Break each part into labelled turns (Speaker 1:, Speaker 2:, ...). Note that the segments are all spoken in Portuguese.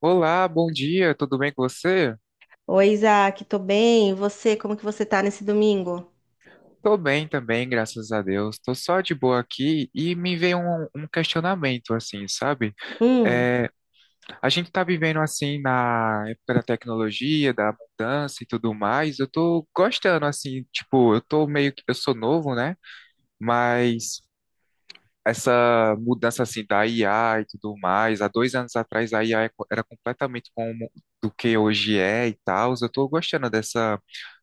Speaker 1: Olá, bom dia, tudo bem com você?
Speaker 2: Oi, Isaac, tô bem. E você, como que você tá nesse domingo?
Speaker 1: Tô bem também, graças a Deus. Tô só de boa aqui e me veio um questionamento, assim, sabe?
Speaker 2: Hum.
Speaker 1: É, a gente tá vivendo, assim, na época da tecnologia, da mudança e tudo mais. Eu tô gostando, assim, tipo, eu tô meio que, eu sou novo, né? Mas essa mudança, assim, da IA e tudo mais, há dois anos atrás a IA era completamente como do que hoje é e tal. Eu tô gostando dessa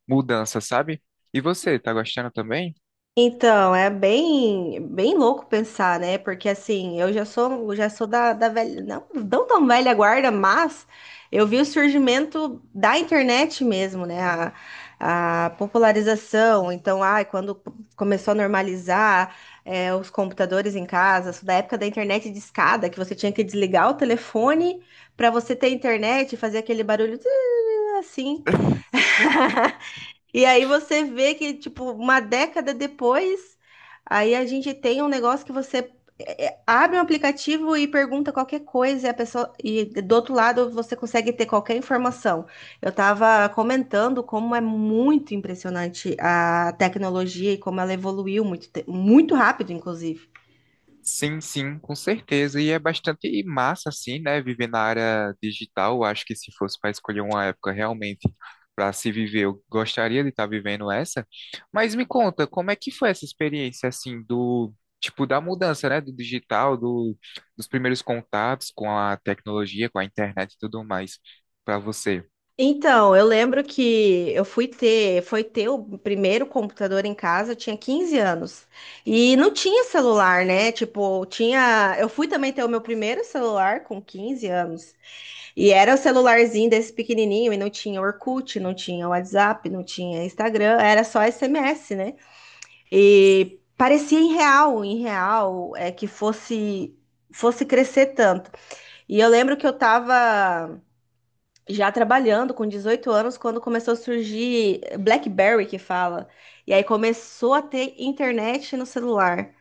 Speaker 1: mudança, sabe? E você, tá gostando também?
Speaker 2: Então, é bem louco pensar, né? Porque assim, eu já sou da, da velha, não, não tão velha guarda, mas eu vi o surgimento da internet mesmo, né? A popularização. Então, ai, quando começou a normalizar os computadores em casa, sou da época da internet de escada, que você tinha que desligar o telefone para você ter internet e fazer aquele barulho tê, assim. E aí você vê que, tipo, uma década depois, aí a gente tem um negócio que você abre um aplicativo e pergunta qualquer coisa e a pessoa e do outro lado você consegue ter qualquer informação. Eu estava comentando como é muito impressionante a tecnologia e como ela evoluiu muito, muito rápido, inclusive.
Speaker 1: Sim, sim, com certeza. E é bastante massa, assim, né? Viver na área digital. Eu acho que se fosse para escolher uma época realmente para se viver, eu gostaria de estar vivendo essa. Mas me conta, como é que foi essa experiência, assim, do tipo da mudança, né? Do digital, dos primeiros contatos com a tecnologia, com a internet e tudo mais, para você?
Speaker 2: Então, eu lembro que foi ter o primeiro computador em casa, eu tinha 15 anos. E não tinha celular, né? Tipo, tinha, eu fui também ter o meu primeiro celular com 15 anos. E era o celularzinho desse pequenininho e não tinha Orkut, não tinha WhatsApp, não tinha Instagram, era só SMS, né? E parecia irreal, irreal é que fosse fosse crescer tanto. E eu lembro que eu tava já trabalhando com 18 anos quando começou a surgir BlackBerry que fala. E aí começou a ter internet no celular.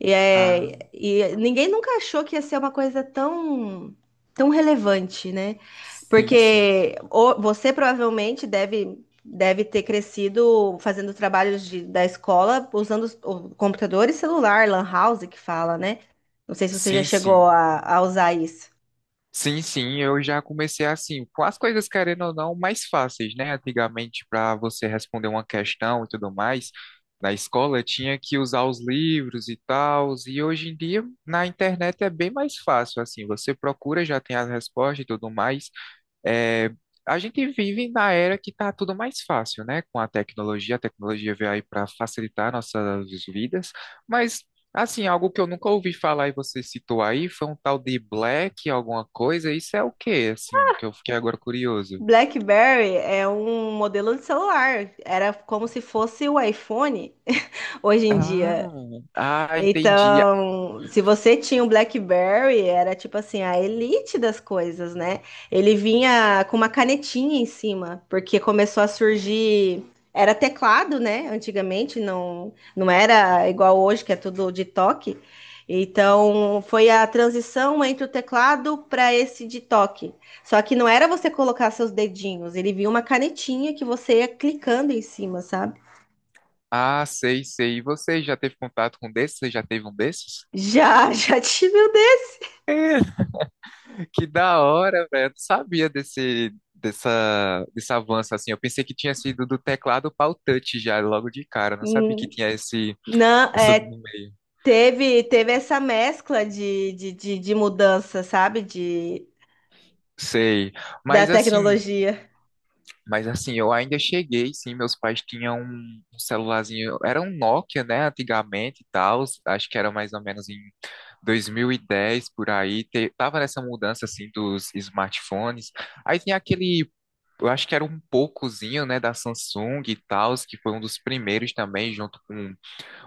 Speaker 2: E,
Speaker 1: Ah,
Speaker 2: e ninguém nunca achou que ia ser uma coisa tão, tão relevante, né?
Speaker 1: sim, sim.
Speaker 2: Porque você provavelmente deve, deve ter crescido fazendo trabalhos da escola usando o computador e celular, lan house que fala, né? Não sei se você já
Speaker 1: Sim,
Speaker 2: chegou
Speaker 1: sim.
Speaker 2: a usar isso.
Speaker 1: Sim, sim, eu já comecei assim, com as coisas querendo ou não mais fáceis, né? Antigamente, para você responder uma questão e tudo mais, na escola tinha que usar os livros e tal, e hoje em dia na internet é bem mais fácil, assim, você procura, já tem as respostas e tudo mais. É, a gente vive na era que está tudo mais fácil, né? Com a tecnologia veio aí para facilitar nossas vidas, mas assim, algo que eu nunca ouvi falar e você citou aí foi um tal de Black, alguma coisa. Isso é o quê? Assim, que eu fiquei agora curioso.
Speaker 2: BlackBerry é um modelo de celular. Era como se fosse o iPhone hoje em
Speaker 1: Ah,
Speaker 2: dia.
Speaker 1: ah, entendi.
Speaker 2: Então, se você tinha um BlackBerry, era tipo assim, a elite das coisas, né? Ele vinha com uma canetinha em cima, porque começou a surgir. Era teclado, né? Antigamente, não, não era igual hoje, que é tudo de toque. Então, foi a transição entre o teclado para esse de toque. Só que não era você colocar seus dedinhos, ele vinha uma canetinha que você ia clicando em cima, sabe?
Speaker 1: Ah, sei, sei. E você já teve contato com desses? Você já teve um desses?
Speaker 2: Já, já tive o dedo.
Speaker 1: Que da hora, velho. Eu não sabia desse avanço assim. Eu pensei que tinha sido do teclado para o touch já, logo de cara. Eu não sabia que tinha
Speaker 2: Não,
Speaker 1: essa
Speaker 2: é,
Speaker 1: no meio.
Speaker 2: Teve, teve essa mescla de mudança, sabe? De,
Speaker 1: Sei.
Speaker 2: da
Speaker 1: Mas assim,
Speaker 2: tecnologia.
Speaker 1: mas assim, eu ainda cheguei, sim. Meus pais tinham um celularzinho. Era um Nokia, né? Antigamente e tal. Acho que era mais ou menos em 2010 por aí. Tava nessa mudança assim dos smartphones. Aí tinha aquele. Eu acho que era um poucozinho, né, da Samsung e tal, que foi um dos primeiros também, junto com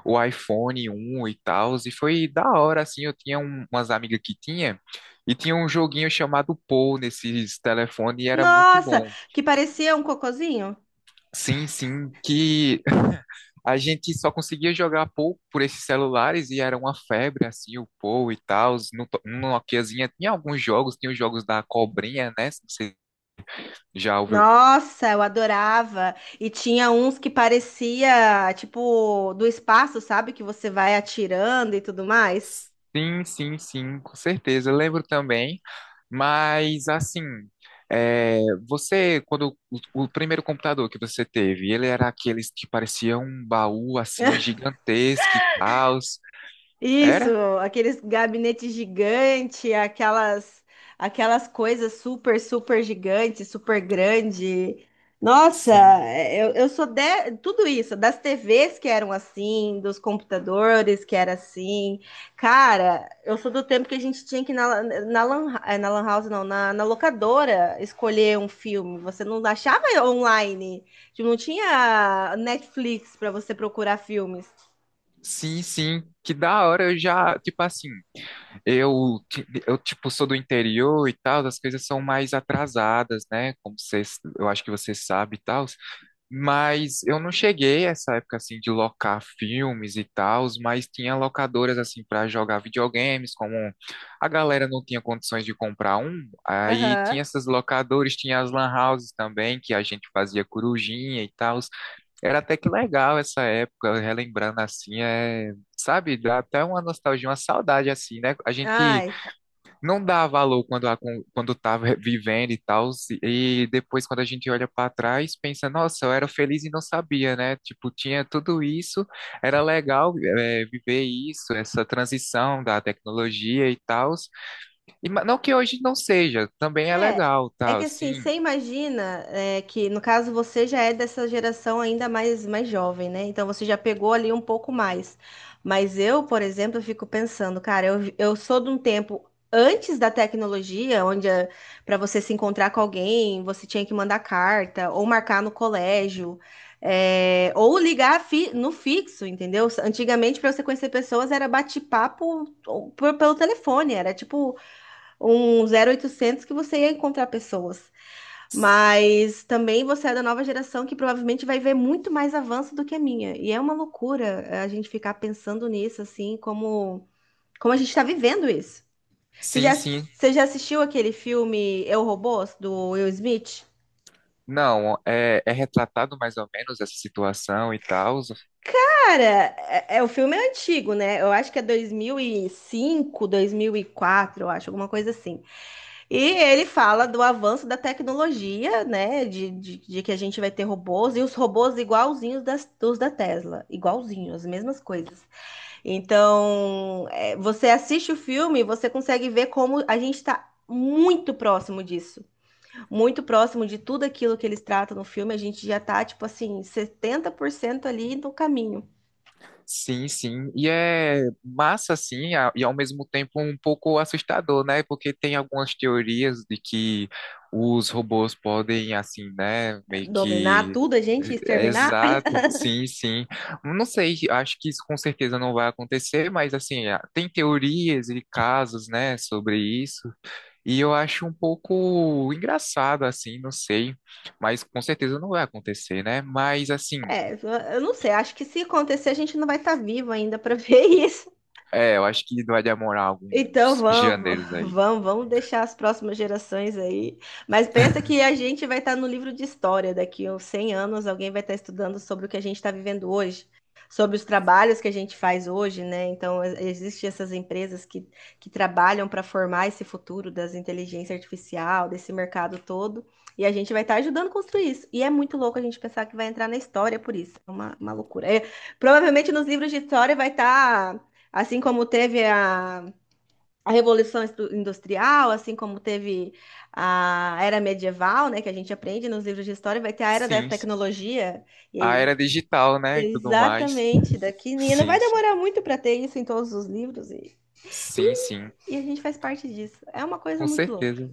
Speaker 1: o iPhone um e tal, e foi da hora, assim, eu tinha umas amigas que tinha, e tinha um joguinho chamado Pou nesses telefones, e era muito
Speaker 2: Nossa,
Speaker 1: bom.
Speaker 2: que parecia um cocôzinho.
Speaker 1: Sim, sim, que a gente só conseguia jogar Pou por esses celulares, e era uma febre, assim, o Pou e tal, no Nokiazinha tinha alguns jogos, tinha os jogos da Cobrinha, né, se você já ouviu.
Speaker 2: Nossa, eu adorava. E tinha uns que parecia, tipo, do espaço, sabe? Que você vai atirando e tudo mais.
Speaker 1: Sim, sim, sim, com certeza. Eu lembro também. Mas assim, é, você, quando o primeiro computador que você teve, ele era aqueles que parecia um baú assim gigantesco e tal.
Speaker 2: Isso,
Speaker 1: Era?
Speaker 2: aqueles gabinetes gigantes, aquelas coisas super, super gigantes, super grande. Nossa,
Speaker 1: Sim.
Speaker 2: eu sou de tudo isso, das TVs que eram assim, dos computadores que era assim. Cara, eu sou do tempo que a gente tinha que ir na lan house, não, na, na locadora escolher um filme. Você não achava online, tipo, não tinha Netflix para você procurar filmes.
Speaker 1: Sim, sim, que da hora eu já, tipo assim, eu tipo sou do interior e tal, as coisas são mais atrasadas, né? Como vocês, eu acho que você sabe e tal. Mas eu não cheguei a essa época assim de locar filmes e tals, mas tinha locadoras assim para jogar videogames, como a galera não tinha condições de comprar um, aí tinha
Speaker 2: Aham.
Speaker 1: essas locadoras, tinha as lan houses também, que a gente fazia corujinha e tals. Era até que legal essa época, relembrando assim, é, sabe, dá até uma nostalgia, uma saudade assim, né? A gente
Speaker 2: Ai.
Speaker 1: não dá valor quando, quando tá vivendo e tal, e depois quando a gente olha para trás, pensa, nossa, eu era feliz e não sabia, né? Tipo, tinha tudo isso, era legal viver isso, essa transição da tecnologia e tal, e não que hoje não seja, também é
Speaker 2: É,
Speaker 1: legal,
Speaker 2: é que
Speaker 1: tal, sim,
Speaker 2: assim, você imagina que, no caso, você já é dessa geração ainda mais, mais jovem, né? Então você já pegou ali um pouco mais. Mas eu, por exemplo, eu fico pensando, cara, eu sou de um tempo antes da tecnologia, onde para você se encontrar com alguém, você tinha que mandar carta ou marcar no colégio, ou ligar no fixo, entendeu? Antigamente, para você conhecer pessoas, era bate-papo pelo telefone, era tipo um 0800 que você ia encontrar pessoas. Mas também você é da nova geração que provavelmente vai ver muito mais avanço do que a minha. E é uma loucura a gente ficar pensando nisso, assim, como a gente está vivendo isso.
Speaker 1: sim, sim.
Speaker 2: Você já assistiu aquele filme Eu, Robô do Will Smith?
Speaker 1: Não, é, é retratado mais ou menos essa situação e tal.
Speaker 2: Cara, o filme é antigo, né? Eu acho que é 2005, 2004, eu acho, alguma coisa assim. E ele fala do avanço da tecnologia, né? De Que a gente vai ter robôs e os robôs igualzinhos dos da Tesla, igualzinhos, as mesmas coisas. Então, é, você assiste o filme e você consegue ver como a gente está muito próximo disso. Muito próximo de tudo aquilo que eles tratam no filme. A gente já tá, tipo assim, 70% ali no caminho.
Speaker 1: Sim, sim. E é massa, assim, e ao mesmo tempo um pouco assustador, né? Porque tem algumas teorias de que os robôs podem, assim, né?
Speaker 2: É,
Speaker 1: Meio
Speaker 2: dominar
Speaker 1: que.
Speaker 2: tudo, a gente exterminar.
Speaker 1: Exato, sim, sim. Não sei, acho que isso com certeza não vai acontecer, mas, assim, tem teorias e casos, né, sobre isso. E eu acho um pouco engraçado, assim, não sei. Mas com certeza não vai acontecer, né? Mas, assim.
Speaker 2: É, eu não sei. Acho que se acontecer, a gente não vai estar vivo ainda para ver isso.
Speaker 1: É, eu acho que vai demorar
Speaker 2: Então
Speaker 1: alguns
Speaker 2: vamos,
Speaker 1: gêneros aí.
Speaker 2: vamos, vamos deixar as próximas gerações aí. Mas pensa que a gente vai estar no livro de história daqui a uns 100 anos, alguém vai estar estudando sobre o que a gente está vivendo hoje, sobre os trabalhos que a gente faz hoje, né? Então existem essas empresas que trabalham para formar esse futuro das inteligência artificial, desse mercado todo, e a gente vai estar ajudando a construir isso. E é muito louco a gente pensar que vai entrar na história por isso. É uma loucura. É, provavelmente nos livros de história vai estar. Assim como teve a Revolução Industrial, assim como teve a Era Medieval, né, que a gente aprende nos livros de história, vai ter a Era da
Speaker 1: Sim, sim.
Speaker 2: Tecnologia. E
Speaker 1: A era
Speaker 2: aí,
Speaker 1: digital, né, e tudo mais.
Speaker 2: exatamente, daqui e não vai
Speaker 1: Sim, sim.
Speaker 2: demorar muito para ter isso em todos os livros
Speaker 1: Sim,
Speaker 2: e,
Speaker 1: sim.
Speaker 2: e a gente faz parte disso. É uma coisa
Speaker 1: Com
Speaker 2: muito louca.
Speaker 1: certeza.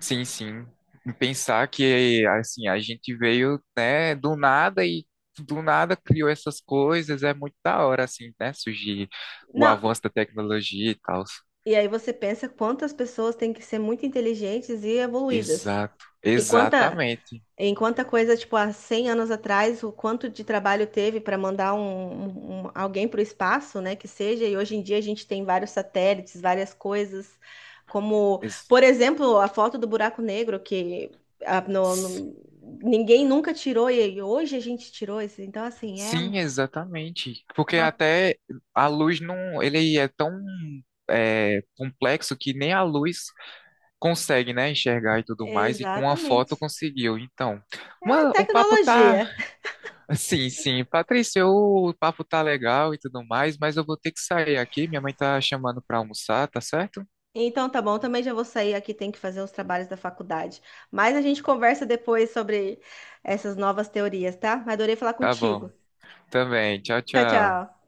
Speaker 1: Sim, sim. E pensar que, assim, a gente veio, né, do nada e do nada criou essas coisas. É muito da hora, assim, né, surgir o
Speaker 2: Não,
Speaker 1: avanço da tecnologia e tal.
Speaker 2: e aí você pensa quantas pessoas têm que ser muito inteligentes e evoluídas.
Speaker 1: Exato.
Speaker 2: E quanta
Speaker 1: Exatamente.
Speaker 2: Enquanto a coisa, tipo, há 100 anos atrás, o quanto de trabalho teve para mandar alguém para o espaço, né, que seja, e hoje em dia a gente tem vários satélites, várias coisas, como,
Speaker 1: Ex-
Speaker 2: por exemplo, a foto do buraco negro, que ah, no- no- ninguém nunca tirou, e hoje a gente tirou isso. Então, assim, é uma...
Speaker 1: Sim, exatamente. Porque até a luz não, ele é tão complexo que nem a luz consegue, né, enxergar e tudo mais, e com a foto
Speaker 2: Exatamente.
Speaker 1: conseguiu. Então,
Speaker 2: É
Speaker 1: mano, o papo tá.
Speaker 2: tecnologia.
Speaker 1: Sim, sim, Patrícia, o papo tá legal e tudo mais, mas eu vou ter que sair aqui. Minha mãe tá chamando pra almoçar, tá certo?
Speaker 2: Então tá bom, também já vou sair aqui, tem que fazer os trabalhos da faculdade. Mas a gente conversa depois sobre essas novas teorias, tá? Adorei falar
Speaker 1: Tá
Speaker 2: contigo.
Speaker 1: bom. Também. Tchau,
Speaker 2: Tchau,
Speaker 1: tchau.
Speaker 2: tchau.